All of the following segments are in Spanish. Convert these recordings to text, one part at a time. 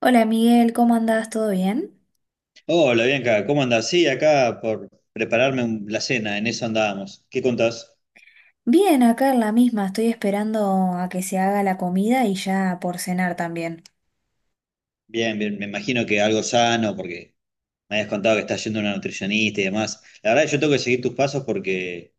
Hola Miguel, ¿cómo andás? ¿Todo bien? Hola Bianca, ¿cómo andás? Sí, acá por prepararme la cena, en eso andábamos. ¿Qué contás? Bien, acá en la misma, estoy esperando a que se haga la comida y ya por cenar también. Bien, bien, me imagino que algo sano, porque me habías contado que estás yendo a una nutricionista y demás. La verdad, yo tengo que seguir tus pasos porque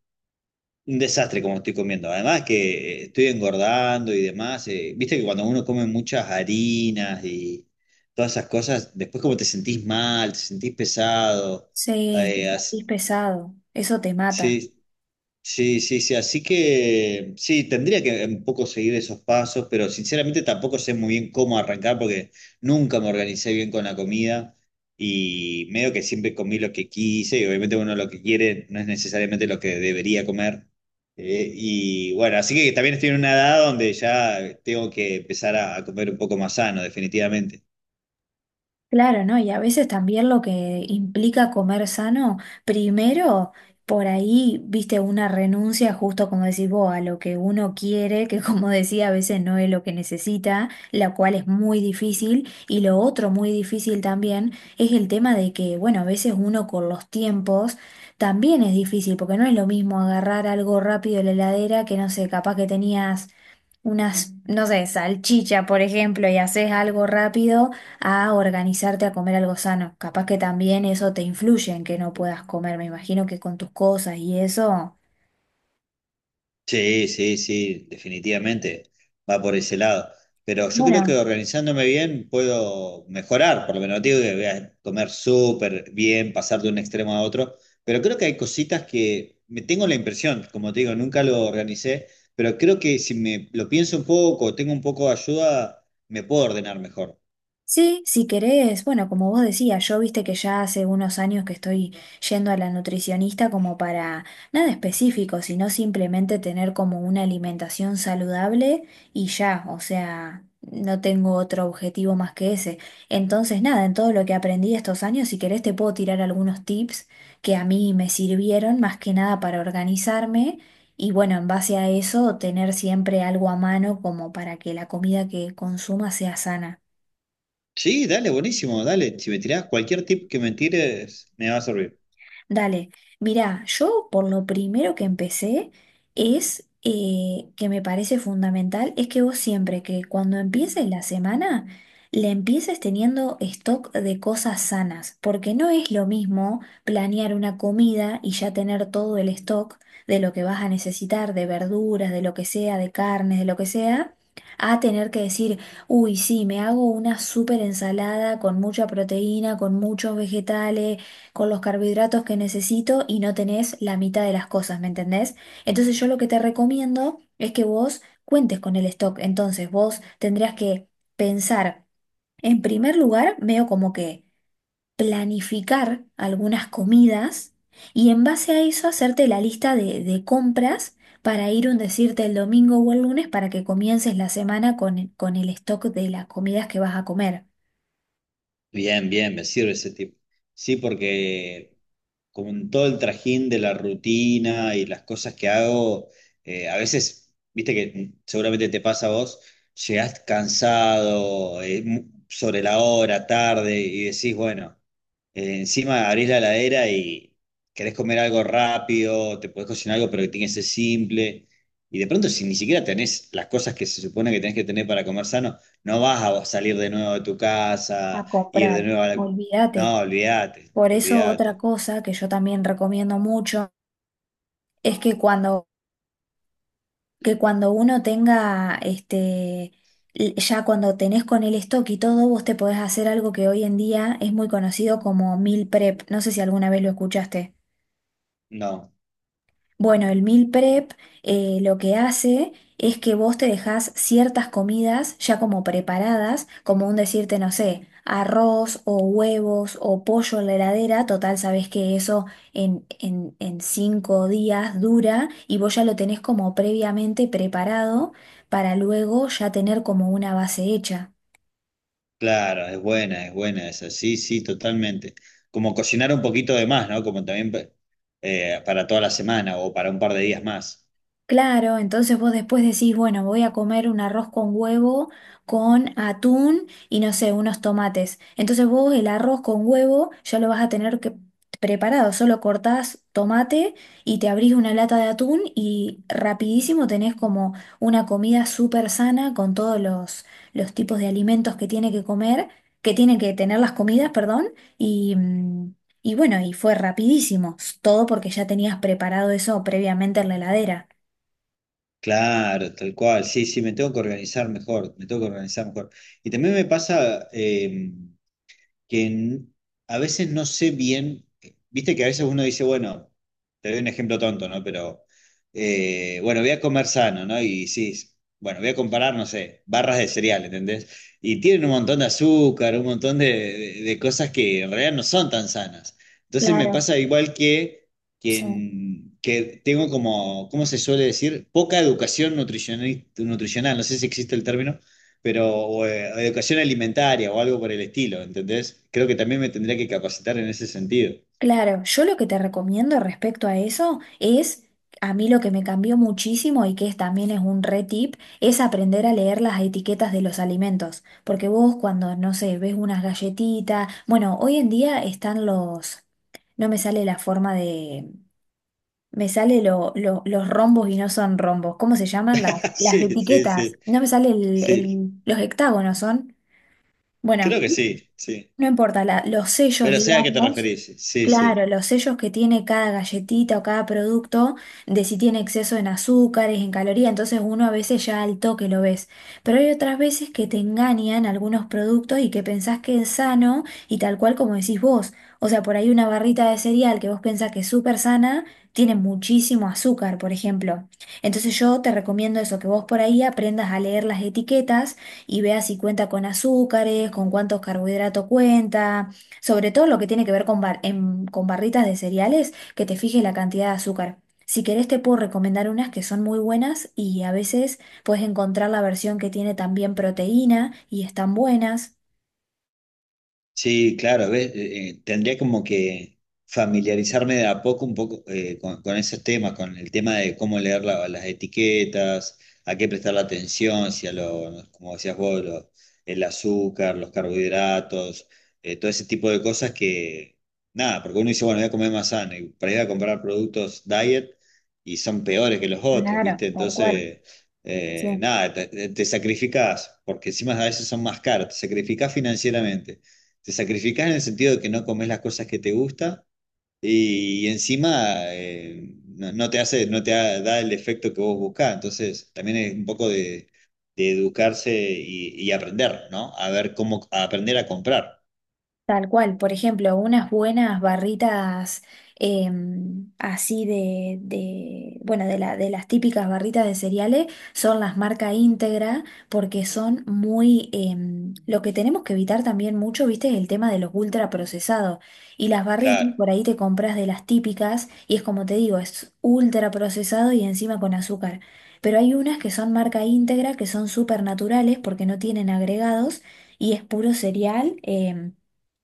un desastre como estoy comiendo. Además que estoy engordando y demás. Viste que cuando uno come muchas harinas y todas esas cosas, después como te sentís mal, te sentís pesado. Sí, te eh, sentís así- pesado, eso te mata. sí, sí, sí, sí, así que sí, tendría que un poco seguir esos pasos, pero sinceramente tampoco sé muy bien cómo arrancar porque nunca me organicé bien con la comida y medio que siempre comí lo que quise, y obviamente uno lo que quiere no es necesariamente lo que debería comer. Y bueno, así que también estoy en una edad donde ya tengo que empezar a comer un poco más sano, definitivamente. Claro, ¿no? Y a veces también lo que implica comer sano, primero, por ahí, viste, una renuncia justo como decís vos, a lo que uno quiere, que como decía, a veces no es lo que necesita, la cual es muy difícil. Y lo otro muy difícil también es el tema de que, bueno, a veces uno con los tiempos también es difícil, porque no es lo mismo agarrar algo rápido de la heladera que, no sé, capaz que tenías unas, no sé, salchicha, por ejemplo, y haces algo rápido a organizarte a comer algo sano. Capaz que también eso te influye en que no puedas comer. Me imagino que con tus cosas y eso. Sí, sí, sí, definitivamente va por ese lado. Pero yo creo que Bueno. organizándome bien puedo mejorar, por lo menos no digo que voy a comer súper bien, pasar de un extremo a otro, pero creo que hay cositas que me tengo la impresión, como te digo, nunca lo organicé, pero creo que si me lo pienso un poco, tengo un poco de ayuda, me puedo ordenar mejor. Sí, si querés, bueno, como vos decías, yo viste que ya hace unos años que estoy yendo a la nutricionista como para nada específico, sino simplemente tener como una alimentación saludable y ya, o sea, no tengo otro objetivo más que ese. Entonces, nada, en todo lo que aprendí estos años, si querés te puedo tirar algunos tips que a mí me sirvieron más que nada para organizarme. Y bueno, en base a eso, tener siempre algo a mano como para que la comida que consuma sea sana. Sí, dale, buenísimo, dale. Si me tirás cualquier tip que me tires, me va a servir. Dale, mirá, yo por lo primero que empecé es que me parece fundamental, es que vos siempre que cuando empieces la semana, le empieces teniendo stock de cosas sanas, porque no es lo mismo planear una comida y ya tener todo el stock de lo que vas a necesitar, de verduras, de lo que sea, de carnes, de lo que sea, a tener que decir, uy, sí, me hago una súper ensalada con mucha proteína, con muchos vegetales, con los carbohidratos que necesito y no tenés la mitad de las cosas, ¿me entendés? Entonces yo lo que te recomiendo es que vos cuentes con el stock. Entonces vos tendrías que pensar, en primer lugar, medio como que planificar algunas comidas y en base a eso hacerte la lista de compras para ir un decirte el domingo o el lunes para que comiences la semana con el stock de las comidas que vas a comer. Bien, bien, me sirve ese tip. Sí, porque con todo el trajín de la rutina y las cosas que hago, a veces, viste que seguramente te pasa a vos, llegás cansado, sobre la hora, tarde, y decís, bueno, encima abrís la heladera y querés comer algo rápido, te podés cocinar algo, pero que tiene que ser simple. Y de pronto, si ni siquiera tenés las cosas que se supone que tenés que tener para comer sano, no vas a salir de nuevo de tu A casa, ir de comprar. nuevo a la... Olvídate. No, olvídate, Por eso otra olvídate. cosa que yo también recomiendo mucho es que que cuando uno tenga, ya cuando tenés con el stock y todo, vos te podés hacer algo que hoy en día es muy conocido como meal prep. No sé si alguna vez lo escuchaste. No, Bueno, el meal prep lo que hace es que vos te dejás ciertas comidas ya como preparadas, como un decirte, no sé, arroz o huevos o pollo en la heladera, total, sabés que eso en 5 días dura y vos ya lo tenés como previamente preparado para luego ya tener como una base hecha. claro, es buena esa, sí, sí, totalmente. Como cocinar un poquito de más, ¿no? Como también para toda la semana o para un par de días más. Claro, entonces vos después decís, bueno, voy a comer un arroz con huevo, con atún y no sé, unos tomates. Entonces vos el arroz con huevo ya lo vas a tener que preparado, solo cortás tomate y te abrís una lata de atún y rapidísimo tenés como una comida súper sana con todos los tipos de alimentos que tiene que comer, que tiene que tener las comidas, perdón, y, mm, y bueno, y fue rapidísimo, todo porque ya tenías preparado eso previamente en la heladera. Claro, tal cual, sí, sí, me tengo que organizar mejor, me tengo que organizar mejor. Y también me pasa, que n- a veces no sé bien, viste que a veces uno dice, bueno, te doy un ejemplo tonto, ¿no? Pero, bueno, voy a comer sano, ¿no? Bueno, voy a comparar, no sé, barras de cereal, ¿entendés? Y tienen un montón de azúcar, un montón de cosas que en realidad no son tan sanas. Entonces me Claro, pasa igual que, que, sí, en- que tengo como, ¿cómo se suele decir? Poca educación nutricional, no sé si existe el término, pero educación alimentaria o algo por el estilo, ¿entendés? Creo que también me tendría que capacitar en ese sentido. claro. Yo lo que te recomiendo respecto a eso es, a mí lo que me cambió muchísimo y que es, también es un re tip, es aprender a leer las etiquetas de los alimentos. Porque vos cuando, no sé, ves unas galletitas, bueno, hoy en día están los, no me sale la forma de, me sale los rombos y no son rombos. ¿Cómo se llaman las, las Sí, sí, etiquetas? sí, No me sale el, sí, los hectágonos son, bueno, creo que sí, sí. no importa, los sellos, Pero sé a qué te digamos. referís, sí, Claro, sí. los sellos que tiene cada galletita o cada producto, de si tiene exceso en azúcares, en calorías, entonces uno a veces ya al toque lo ves. Pero hay otras veces que te engañan algunos productos y que pensás que es sano y tal cual como decís vos. O sea, por ahí una barrita de cereal que vos pensás que es súper sana, tiene muchísimo azúcar, por ejemplo. Entonces yo te recomiendo eso, que vos por ahí aprendas a leer las etiquetas y veas si cuenta con azúcares, con cuántos carbohidratos cuenta. Sobre todo lo que tiene que ver con barritas de cereales, que te fijes la cantidad de azúcar. Si querés te puedo recomendar unas que son muy buenas y a veces puedes encontrar la versión que tiene también proteína y están buenas. Sí, claro, ¿ves? Tendría como que familiarizarme de a poco un poco con esos temas, con el tema de cómo leer las etiquetas, a qué prestar la atención, si a lo, como decías vos, el azúcar, los carbohidratos, todo ese tipo de cosas que, nada, porque uno dice, bueno, voy a comer más sano, y para ir a comprar productos diet y son peores que los otros, Claro, ¿viste? tal cual. Entonces, Sí. Nada, te sacrificás, porque encima a veces son más caros, te sacrificás financieramente, te sacrificás en el sentido de que no comes las cosas que te gustan y encima no, no te hace, no te ha- da el efecto que vos buscás. Entonces, también es un poco de educarse y aprender, ¿no? A ver cómo, a aprender a comprar. Tal cual, por ejemplo, unas buenas barritas así bueno, de las típicas barritas de cereales son las marca íntegra porque son muy, lo que tenemos que evitar también mucho, viste, es el tema de los ultraprocesados. Y las barritas, Claro. por ahí te compras de las típicas y es como te digo, es ultraprocesado y encima con azúcar. Pero hay unas que son marca íntegra, que son súper naturales porque no tienen agregados y es puro cereal. em,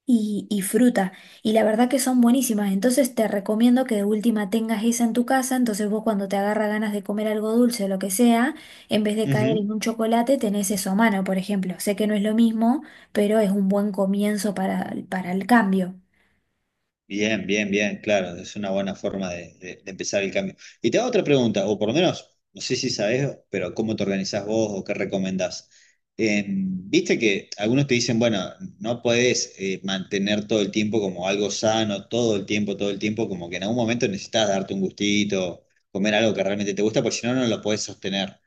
y, y fruta. Y la verdad que son buenísimas. Entonces te recomiendo que de última tengas esa en tu casa. Entonces vos cuando te agarra ganas de comer algo dulce o lo que sea, en vez de caer en un chocolate, tenés eso a mano, por ejemplo. Sé que no es lo mismo, pero es un buen comienzo para el cambio. Bien, bien, bien, claro, es una buena forma de, de empezar el cambio. Y te hago otra pregunta, o por lo menos, no sé si sabes, pero ¿cómo te organizás vos o qué recomendás? Viste que algunos te dicen, bueno, no podés mantener todo el tiempo como algo sano, todo el tiempo, como que en algún momento necesitas darte un gustito, comer algo que realmente te gusta, porque si no, no lo podés sostener.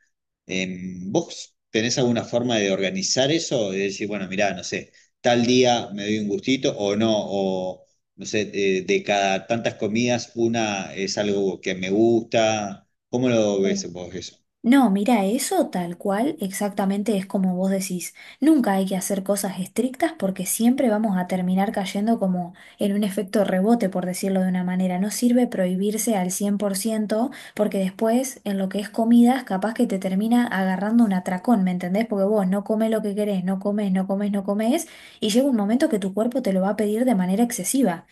Eh, ¿Vos tenés alguna forma de organizar eso? De decir, bueno, mirá, no sé, tal día me doy un gustito o no, no sé, de cada tantas comidas, una es algo que me gusta. ¿Cómo lo ves vos eso? No, mira, eso tal cual, exactamente es como vos decís. Nunca hay que hacer cosas estrictas porque siempre vamos a terminar cayendo como en un efecto rebote, por decirlo de una manera. No sirve prohibirse al 100% porque después en lo que es comidas capaz que te termina agarrando un atracón, ¿me entendés? Porque vos no comes lo que querés, no comes, no comes, no comes y llega un momento que tu cuerpo te lo va a pedir de manera excesiva.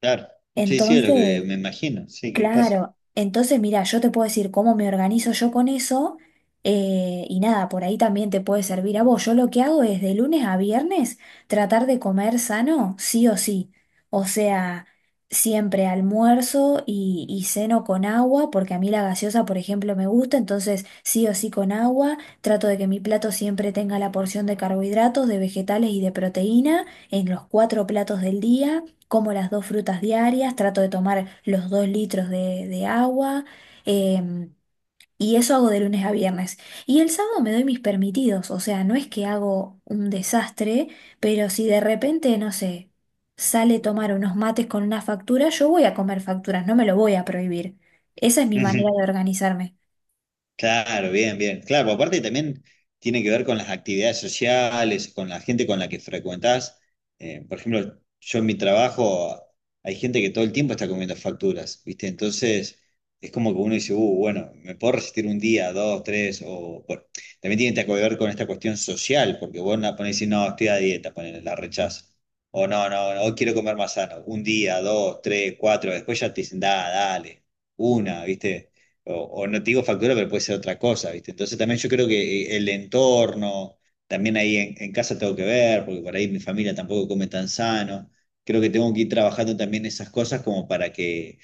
Claro. Sí, sí, es lo que Entonces, me imagino. Sí, ¿qué pasa? Claro, entonces mira, yo te puedo decir cómo me organizo yo con eso y nada, por ahí también te puede servir a vos. Yo lo que hago es de lunes a viernes tratar de comer sano, sí o sí. O sea, siempre almuerzo y ceno con agua, porque a mí la gaseosa, por ejemplo, me gusta, entonces sí o sí con agua. Trato de que mi plato siempre tenga la porción de carbohidratos, de vegetales y de proteína en los cuatro platos del día como las dos frutas diarias, trato de tomar los 2 litros de agua em, y eso hago de lunes a viernes. Y el sábado me doy mis permitidos, o sea, no es que hago un desastre, pero si de repente, no sé, sale tomar unos mates con una factura, yo voy a comer facturas, no me lo voy a prohibir. Esa es mi manera de organizarme. Claro, bien, bien. Claro, porque aparte también tiene que ver con las actividades sociales, con la gente con la que frecuentás. Por ejemplo, yo en mi trabajo hay gente que todo el tiempo está comiendo facturas, ¿viste? Entonces es como que uno dice, bueno, me puedo resistir un día, dos, tres, o bueno, también tiene que ver con esta cuestión social, porque vos no ponés y decís, no, estoy a dieta, ponele, la rechazo. O no, no, no, hoy quiero comer más sano. Un día, dos, tres, cuatro, después ya te dicen, da, dale, una, ¿viste? O, o no te digo factura, pero puede ser otra cosa, ¿viste? Entonces también yo creo que el entorno, también ahí en casa tengo que ver, porque por ahí mi familia tampoco come tan sano. Creo que tengo que ir trabajando también esas cosas como para que,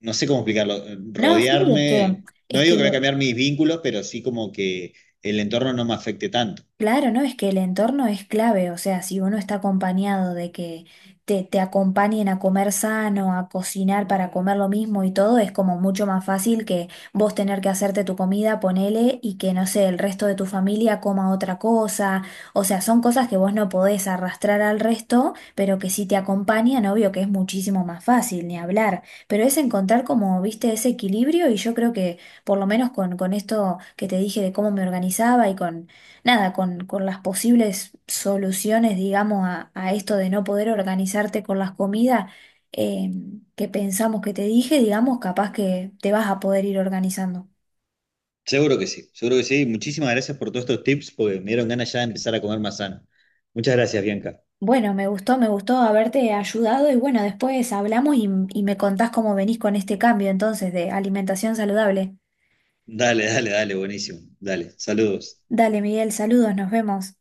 no sé cómo explicarlo, No, sí, es que, rodearme, no es que digo que voy a cambiar mis vínculos, pero sí como que el entorno no me afecte tanto. Claro, ¿no? Es que el entorno es clave, o sea, si uno está acompañado de que te acompañen a comer sano, a cocinar para comer lo mismo y todo, es como mucho más fácil que vos tener que hacerte tu comida, ponele, y que, no sé, el resto de tu familia coma otra cosa, o sea, son cosas que vos no podés arrastrar al resto, pero que si te acompañan, obvio que es muchísimo más fácil, ni hablar, pero es encontrar como, viste, ese equilibrio y yo creo que, por lo menos con esto que te dije de cómo me organizaba y con nada, con las posibles soluciones, digamos, a esto de no poder organizarte con las comidas eh, que pensamos que te dije, digamos, capaz que te vas a poder ir organizando. Seguro que sí, seguro que sí. Muchísimas gracias por todos estos tips, porque me dieron ganas ya de empezar a comer más sano. Muchas gracias, Bianca. Bueno, me gustó haberte ayudado y bueno, después hablamos y me contás cómo venís con este cambio entonces de alimentación saludable. Dale, dale, dale, buenísimo. Dale, saludos. Dale, Miguel, saludos, nos vemos.